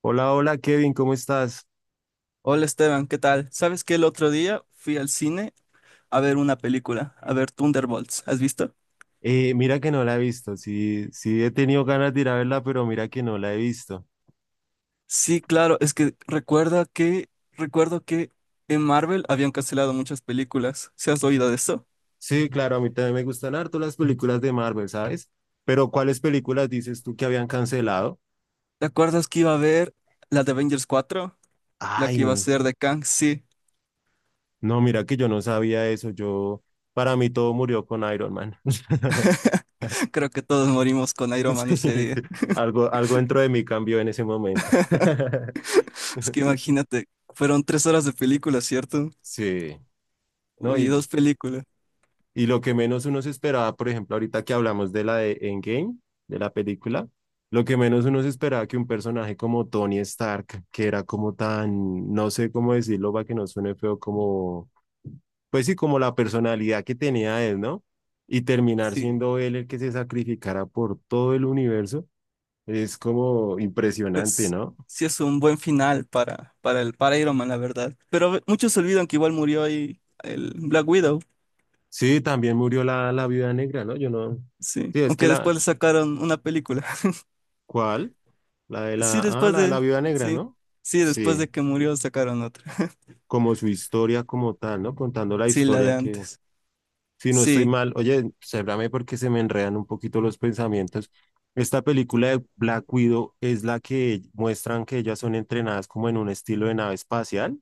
Hola, hola Kevin, ¿cómo estás? Hola Esteban, ¿qué tal? ¿Sabes que el otro día fui al cine a ver una película, a ver Thunderbolts? ¿Has visto? Mira que no la he visto, sí, he tenido ganas de ir a verla, pero mira que no la he visto. Sí, claro, es que recuerda que recuerdo que en Marvel habían cancelado muchas películas. ¿Se has oído de eso? Sí, claro, a mí también me gustan harto las películas de Marvel, ¿sabes? Pero ¿cuáles películas dices tú que habían cancelado? ¿Te acuerdas que iba a haber la de Avengers 4, la Ay, que iba a ser de Kang, sí. no, mira que yo no sabía eso, yo, para mí todo murió con Iron Man. Creo que todos morimos con Iron Man ese Sí, día. algo dentro de mí cambió en ese momento. Es que imagínate, fueron 3 horas de película, ¿cierto? Sí, no, Uy, y dos películas. Y lo que menos uno se esperaba, por ejemplo, ahorita que hablamos de la de Endgame, de la película, lo que menos uno se esperaba que un personaje como Tony Stark, que era como tan, no sé cómo decirlo para que no suene feo, como, pues sí, como la personalidad que tenía él, ¿no? Y terminar Sí, siendo él el que se sacrificara por todo el universo, es como impresionante, pues ¿no? sí es un buen final para Iron Man, la verdad. Pero muchos se olvidan que igual murió ahí el Black Widow, Sí, también murió la viuda negra, ¿no? Yo no. sí. Sí, es que Aunque después le sacaron una película. ¿cuál? La de Sí, la, ah, la de la viuda negra, sí, ¿no? sí, después Sí, de que murió sacaron otra. como su historia como tal, ¿no? Contando la Sí, la de historia que, antes. si no estoy Sí. mal, oye, cébrame porque se me enredan un poquito los pensamientos. Esta película de Black Widow es la que muestran que ellas son entrenadas como en un estilo de nave espacial.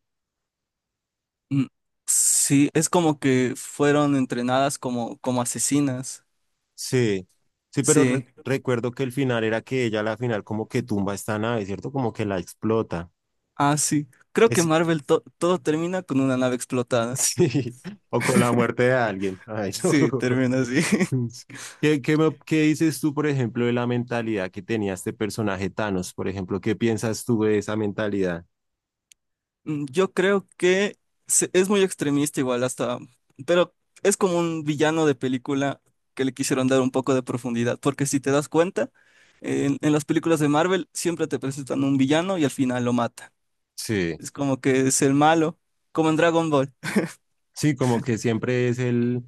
Mm. Sí, es como que fueron entrenadas como asesinas. Sí, Sí. recuerdo que el final era que ella a la final como que tumba esta nave, ¿cierto? Como que la explota. Ah, sí. Creo que Es- Marvel todo termina con una nave explotada. sí, o con la muerte de alguien. Ay, no. Sí, termina así. Qué dices tú, por ejemplo, de la mentalidad que tenía este personaje Thanos? Por ejemplo, ¿qué piensas tú de esa mentalidad? Yo creo que es muy extremista igual hasta, pero es como un villano de película que le quisieron dar un poco de profundidad, porque si te das cuenta, en las películas de Marvel siempre te presentan un villano y al final lo mata. Sí, Es como que es el malo, como en Dragon Ball. sí, como que siempre es el,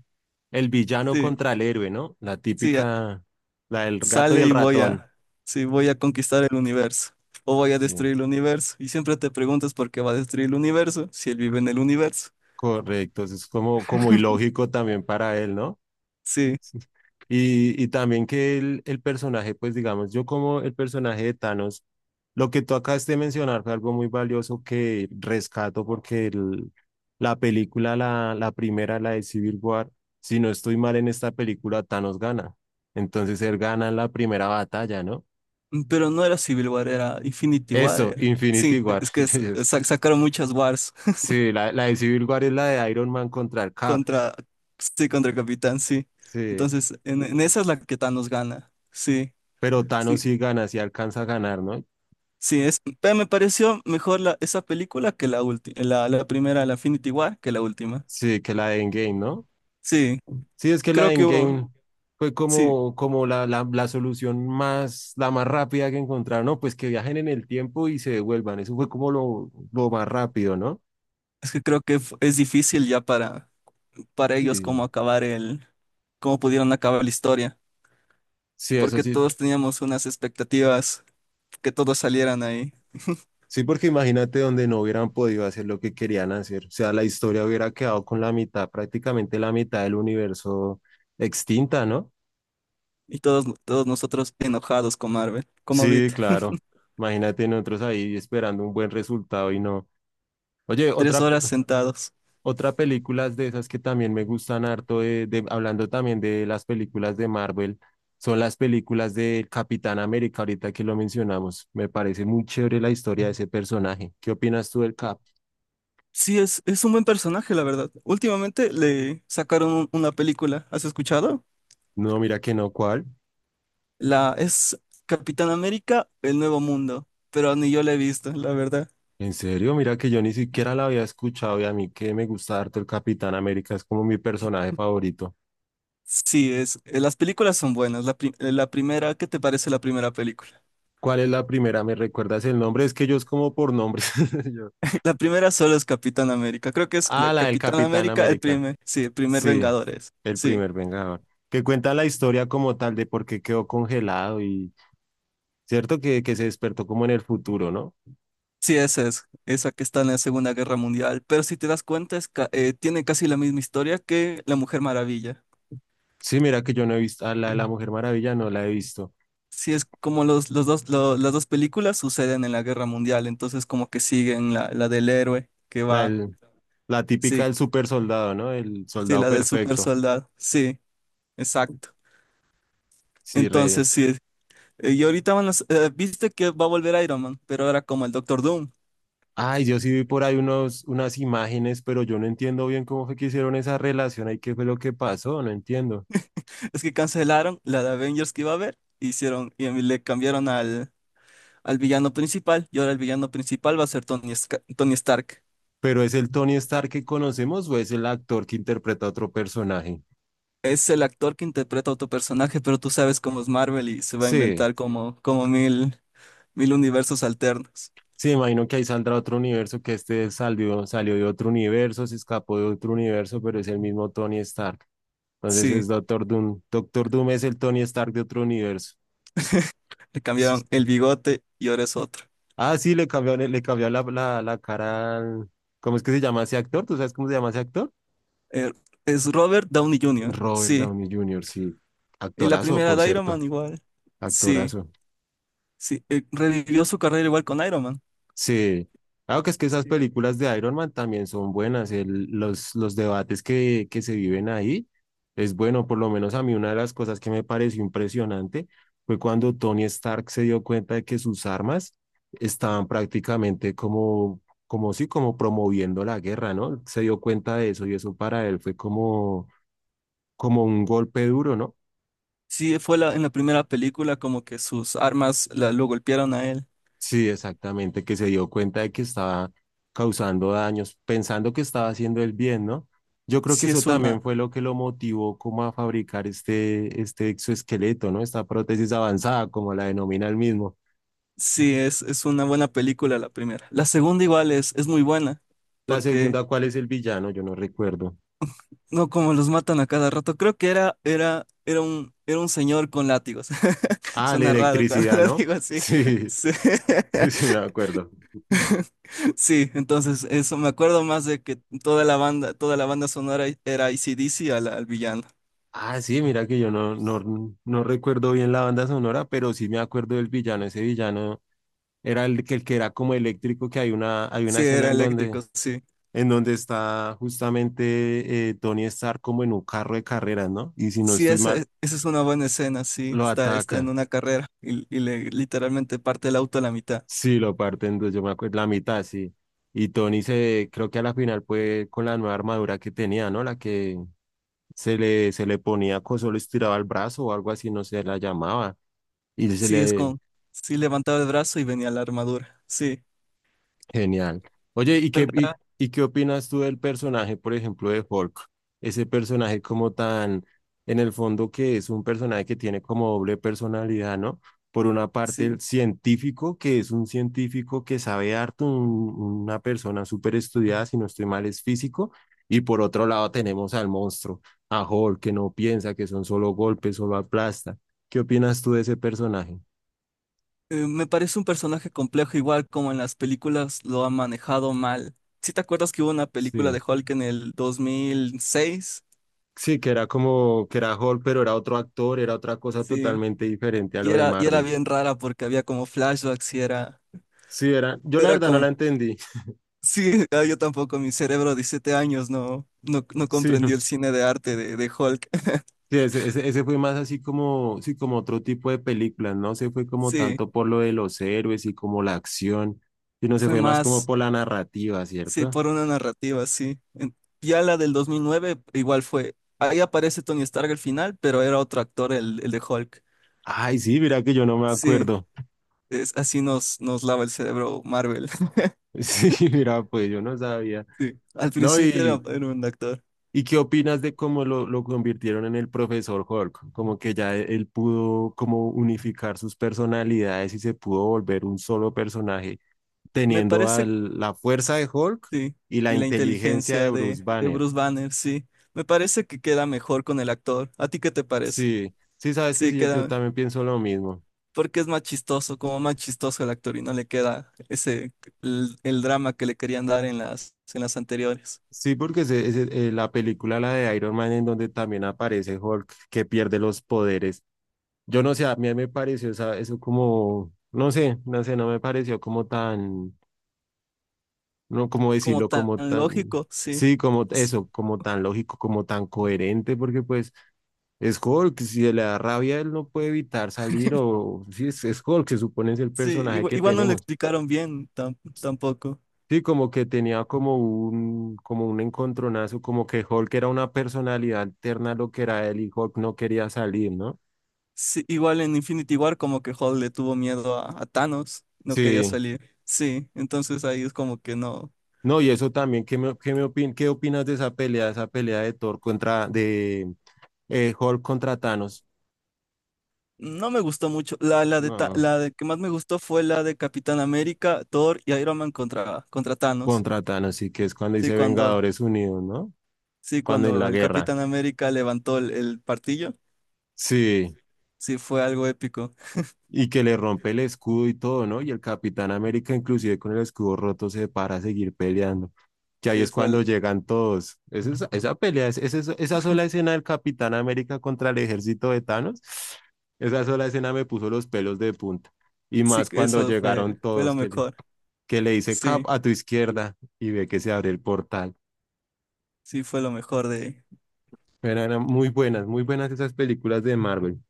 el villano Sí, contra el héroe, ¿no? La sí, típica, la del gato y sale el y ratón. Sí, voy a conquistar el universo o voy a Sí, destruir el universo. Y siempre te preguntas por qué va a destruir el universo si él vive en el universo. correcto, eso es como, como ilógico también para él, ¿no? Sí. Y también que el personaje, pues digamos, yo como el personaje de Thanos, lo que tú acabas de mencionar fue algo muy valioso que rescato porque la película, la primera, la de Civil War, si no estoy mal en esta película, Thanos gana. Entonces él gana en la primera batalla, ¿no? Pero no era Civil War, era Infinity War. Eso, Era. Infinity Sí, War. es que Entonces, sacaron muchas wars sí, la de Civil War es la de Iron Man contra el Cap. contra, sí, contra el Capitán, sí. Sí, Entonces, en esa es la que Thanos gana. Sí, pero Thanos sí, sí gana, sí alcanza a ganar, ¿no? sí, pero me pareció mejor esa película que la última, la primera, la Infinity War, que la última. Sí, que la de Endgame, ¿no? Sí, Sí, es que la creo de que Endgame hubo, fue sí, como, como la solución más, la más rápida que encontraron, ¿no? Pues que viajen en el tiempo y se devuelvan. Eso fue como lo más rápido, ¿no? es que creo que es difícil ya para ellos Sí. cómo cómo pudieron acabar la historia, Sí, eso porque sí. todos teníamos unas expectativas que todos salieran ahí. Sí, porque imagínate donde no hubieran podido hacer lo que querían hacer. O sea, la historia hubiera quedado con la mitad, prácticamente la mitad del universo extinta, ¿no? Y todos nosotros enojados con Marvel, como Sí, ahorita. claro. Imagínate nosotros ahí esperando un buen resultado y no. Oye, tres otra, horas sentados. Otra película de esas que también me gustan harto, de, hablando también de las películas de Marvel, son las películas de Capitán América, ahorita que lo mencionamos. Me parece muy chévere la historia de ese personaje. ¿Qué opinas tú del Cap? Sí, es un buen personaje, la verdad. Últimamente le sacaron una película, ¿has escuchado? No, mira que no, ¿cuál? La Es Capitán América, El Nuevo Mundo, pero ni yo la he visto, la verdad. En serio, mira que yo ni siquiera la había escuchado y a mí que me gusta harto el Capitán América, es como mi personaje favorito. Sí, las películas son buenas. La primera, ¿qué te parece la primera película? ¿Cuál es la primera? ¿Me recuerdas el nombre? Es que yo es como por nombres. Yo. La primera solo es Capitán América. Creo que es la Ah, la del Capitán Capitán América, América. Sí, el primer Sí, Vengadores. el Sí. primer Vengador. Que cuenta la historia como tal de por qué quedó congelado y cierto que se despertó como en el futuro, ¿no? Sí, esa que está en la Segunda Guerra Mundial. Pero si te das cuenta, tiene casi la misma historia que La Mujer Maravilla. Sí, mira que yo no he visto, a la de la Mujer Maravilla no la he visto. Sí, es como las dos películas suceden en la Guerra Mundial, entonces como que siguen la del héroe que La, va, del- la típica sí, del super soldado, ¿no? El sí, soldado la del super perfecto. soldado, sí, exacto. Sí, re. Entonces, sí, y ahorita van viste que va a volver Iron Man, pero ahora como el Doctor Doom. Ay, yo sí vi por ahí unas imágenes, pero yo no entiendo bien cómo fue que hicieron esa relación ahí, qué fue lo que pasó, no entiendo. Es que cancelaron la de Avengers que iba a haber, y le cambiaron al villano principal y ahora el villano principal va a ser Tony Stark. ¿Pero es el Tony Stark que conocemos o es el actor que interpreta a otro personaje? Es el actor que interpreta a otro personaje, pero tú sabes cómo es Marvel y se va a Sí. inventar como mil universos alternos. Sí, imagino que ahí saldrá otro universo, que este salió, salió de otro universo, se escapó de otro universo, pero es el mismo Tony Stark. Entonces Sí, es Doctor Doom. Doctor Doom es el Tony Stark de otro universo. le cambiaron el bigote y ahora es otro. Ah, sí, le cambió la cara al... ¿Cómo es que se llama ese actor? ¿Tú sabes cómo se llama ese actor? Eh, es Robert Downey Jr., Robert sí. Downey Jr., sí. Y la Actorazo, primera por de Iron Man cierto. igual. Sí, Actorazo. sí. Revivió su carrera igual con Iron Man. Sí, claro que es que esas Sí, películas de Iron Man también son buenas, los debates que se viven ahí es bueno, por lo menos a mí una de las cosas que me pareció impresionante fue cuando Tony Stark se dio cuenta de que sus armas estaban prácticamente como, como sí, como promoviendo la guerra, ¿no? Se dio cuenta de eso y eso para él fue como, como un golpe duro, ¿no? sí, en la primera película como que sus armas lo golpearon a él. Sí, exactamente, que se dio cuenta de que estaba causando daños, pensando que estaba haciendo el bien, ¿no? Yo creo que Sí, eso es una... también fue lo que lo motivó como a fabricar este exoesqueleto, ¿no? Esta prótesis avanzada, como la denomina él mismo. Sí, es una buena película la primera. La segunda igual es muy buena, La porque segunda, ¿cuál es el villano? Yo no recuerdo. no como los matan a cada rato. Creo que era un señor con látigos. Ah, la Suena raro cuando electricidad, lo ¿no? digo así. Sí, Sí. sí, sí, me acuerdo. Sí, entonces eso me acuerdo más de que toda la banda sonora era AC/DC al villano. Ah, sí, mira que yo no, no recuerdo bien la banda sonora, pero sí me acuerdo del villano. Ese villano era el que era como eléctrico, que hay hay una Sí, escena era eléctrico, sí. en donde está justamente Tony Stark como en un carro de carreras, ¿no? Y si no Sí, estoy esa, mal, e, esa es una buena escena, sí. lo Está en ataca. una carrera y le literalmente parte el auto a la mitad. Sí, lo parten dos, yo me acuerdo, la mitad, sí. Y Tony se, creo que a la final fue con la nueva armadura que tenía, ¿no? La que se le ponía, solo estiraba el brazo o algo así, no sé, la llamaba. Y se Sí, le, sí levantaba el brazo y venía la armadura. Sí, genial. Oye, pero y qué opinas tú del personaje, por ejemplo, de Hulk? Ese personaje como tan, en el fondo que es un personaje que tiene como doble personalidad, ¿no? Por una parte, sí, el científico, que es un científico que sabe harto, una persona súper estudiada, si no estoy mal, es físico. Y por otro lado tenemos al monstruo, a Hulk, que no piensa, que son solo golpes, solo aplasta. ¿Qué opinas tú de ese personaje? Me parece un personaje complejo, igual como en las películas lo ha manejado mal. ¿Sí te acuerdas que hubo una película Sí, de Hulk en el 2006? Sí, que era como que era Hulk, pero era otro actor, era otra cosa Sí, totalmente diferente a y lo de era, y era Marvel. bien rara porque había como flashbacks Sí, era, yo la era verdad no como, la entendí. sí, ah, yo tampoco, mi cerebro de 17 años no Sí, no. comprendió el cine de arte de Hulk. Sí, ese fue más así como, sí, como otro tipo de películas, no se fue como Sí, tanto por lo de los héroes y como la acción, sino se fue fue más como más. por la narrativa, Sí, ¿cierto? por una narrativa, sí. Ya la del 2009 igual fue. Ahí aparece Tony Stark al final, pero era otro actor, el de Hulk. Ay, sí, mira que yo no me Sí, acuerdo. Así nos lava el cerebro Marvel. Sí, mira, pues yo no sabía. Sí, al No, principio era, y, era un actor. ¿Y qué opinas de cómo lo convirtieron en el profesor Hulk? Como que ya él pudo como unificar sus personalidades y se pudo volver un solo personaje, Me teniendo parece, la fuerza de Hulk sí. y la Y la inteligencia de inteligencia Bruce de Banner. Bruce Banner, sí. Me parece que queda mejor con el actor. ¿A ti qué te parece? Sí, sí, sabes que Sí, sí, yo queda. también pienso lo mismo. Porque es más chistoso, como más chistoso el actor y no le queda el drama que le querían dar en las anteriores. Sí, porque es, la película, la de Iron Man, en donde también aparece Hulk, que pierde los poderes. Yo no sé, a mí me pareció eso como, no sé, no me pareció como tan, no como Como decirlo tan como tan, lógico, sí. sí, como S- eso, como tan lógico, como tan coherente, porque pues es Hulk, si le da rabia él no puede evitar salir o sí, es Hulk, se supone es el Sí, personaje que igual, no le tenemos. explicaron bien tampoco. Sí, como que tenía como un encontronazo, como que Hulk era una personalidad alterna a lo que era él, y Hulk no quería salir, ¿no? Sí, igual en Infinity War como que Hulk le tuvo miedo a Thanos, no quería Sí. salir. Sí, entonces ahí es como que no, No, y eso también, qué opinas de esa pelea de Thor contra, de Hulk contra Thanos? no me gustó mucho. La, la de Ta- No, la de que más me gustó fue la de Capitán América, Thor y Iron Man contra Thanos. contra Thanos, y que es cuando Sí, dice Vengadores Unidos, ¿no? sí, Cuando en cuando la el guerra. Capitán América levantó el martillo, Sí, sí fue algo épico. y que le rompe el escudo y todo, ¿no? Y el Capitán América, inclusive con el escudo roto, se para a seguir peleando. Que ahí Sí, es cuando llegan todos. Es esa pelea, es esa sola escena del Capitán América contra el ejército de Thanos, esa sola escena me puso los pelos de punta. Y sí, más cuando eso llegaron fue lo todos, que mejor. que le dice Cap Sí. a tu izquierda y ve que se abre el portal. Sí, fue lo mejor de... Pero eran muy buenas esas películas de Marvel.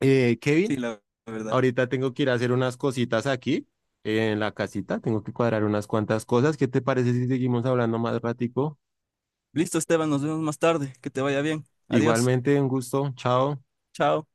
Kevin, Sí, la verdad. ahorita tengo que ir a hacer unas cositas aquí en la casita, tengo que cuadrar unas cuantas cosas. ¿Qué te parece si seguimos hablando más ratico? Listo, Esteban, nos vemos más tarde. Que te vaya bien. Adiós. Igualmente, un gusto, chao. Chao.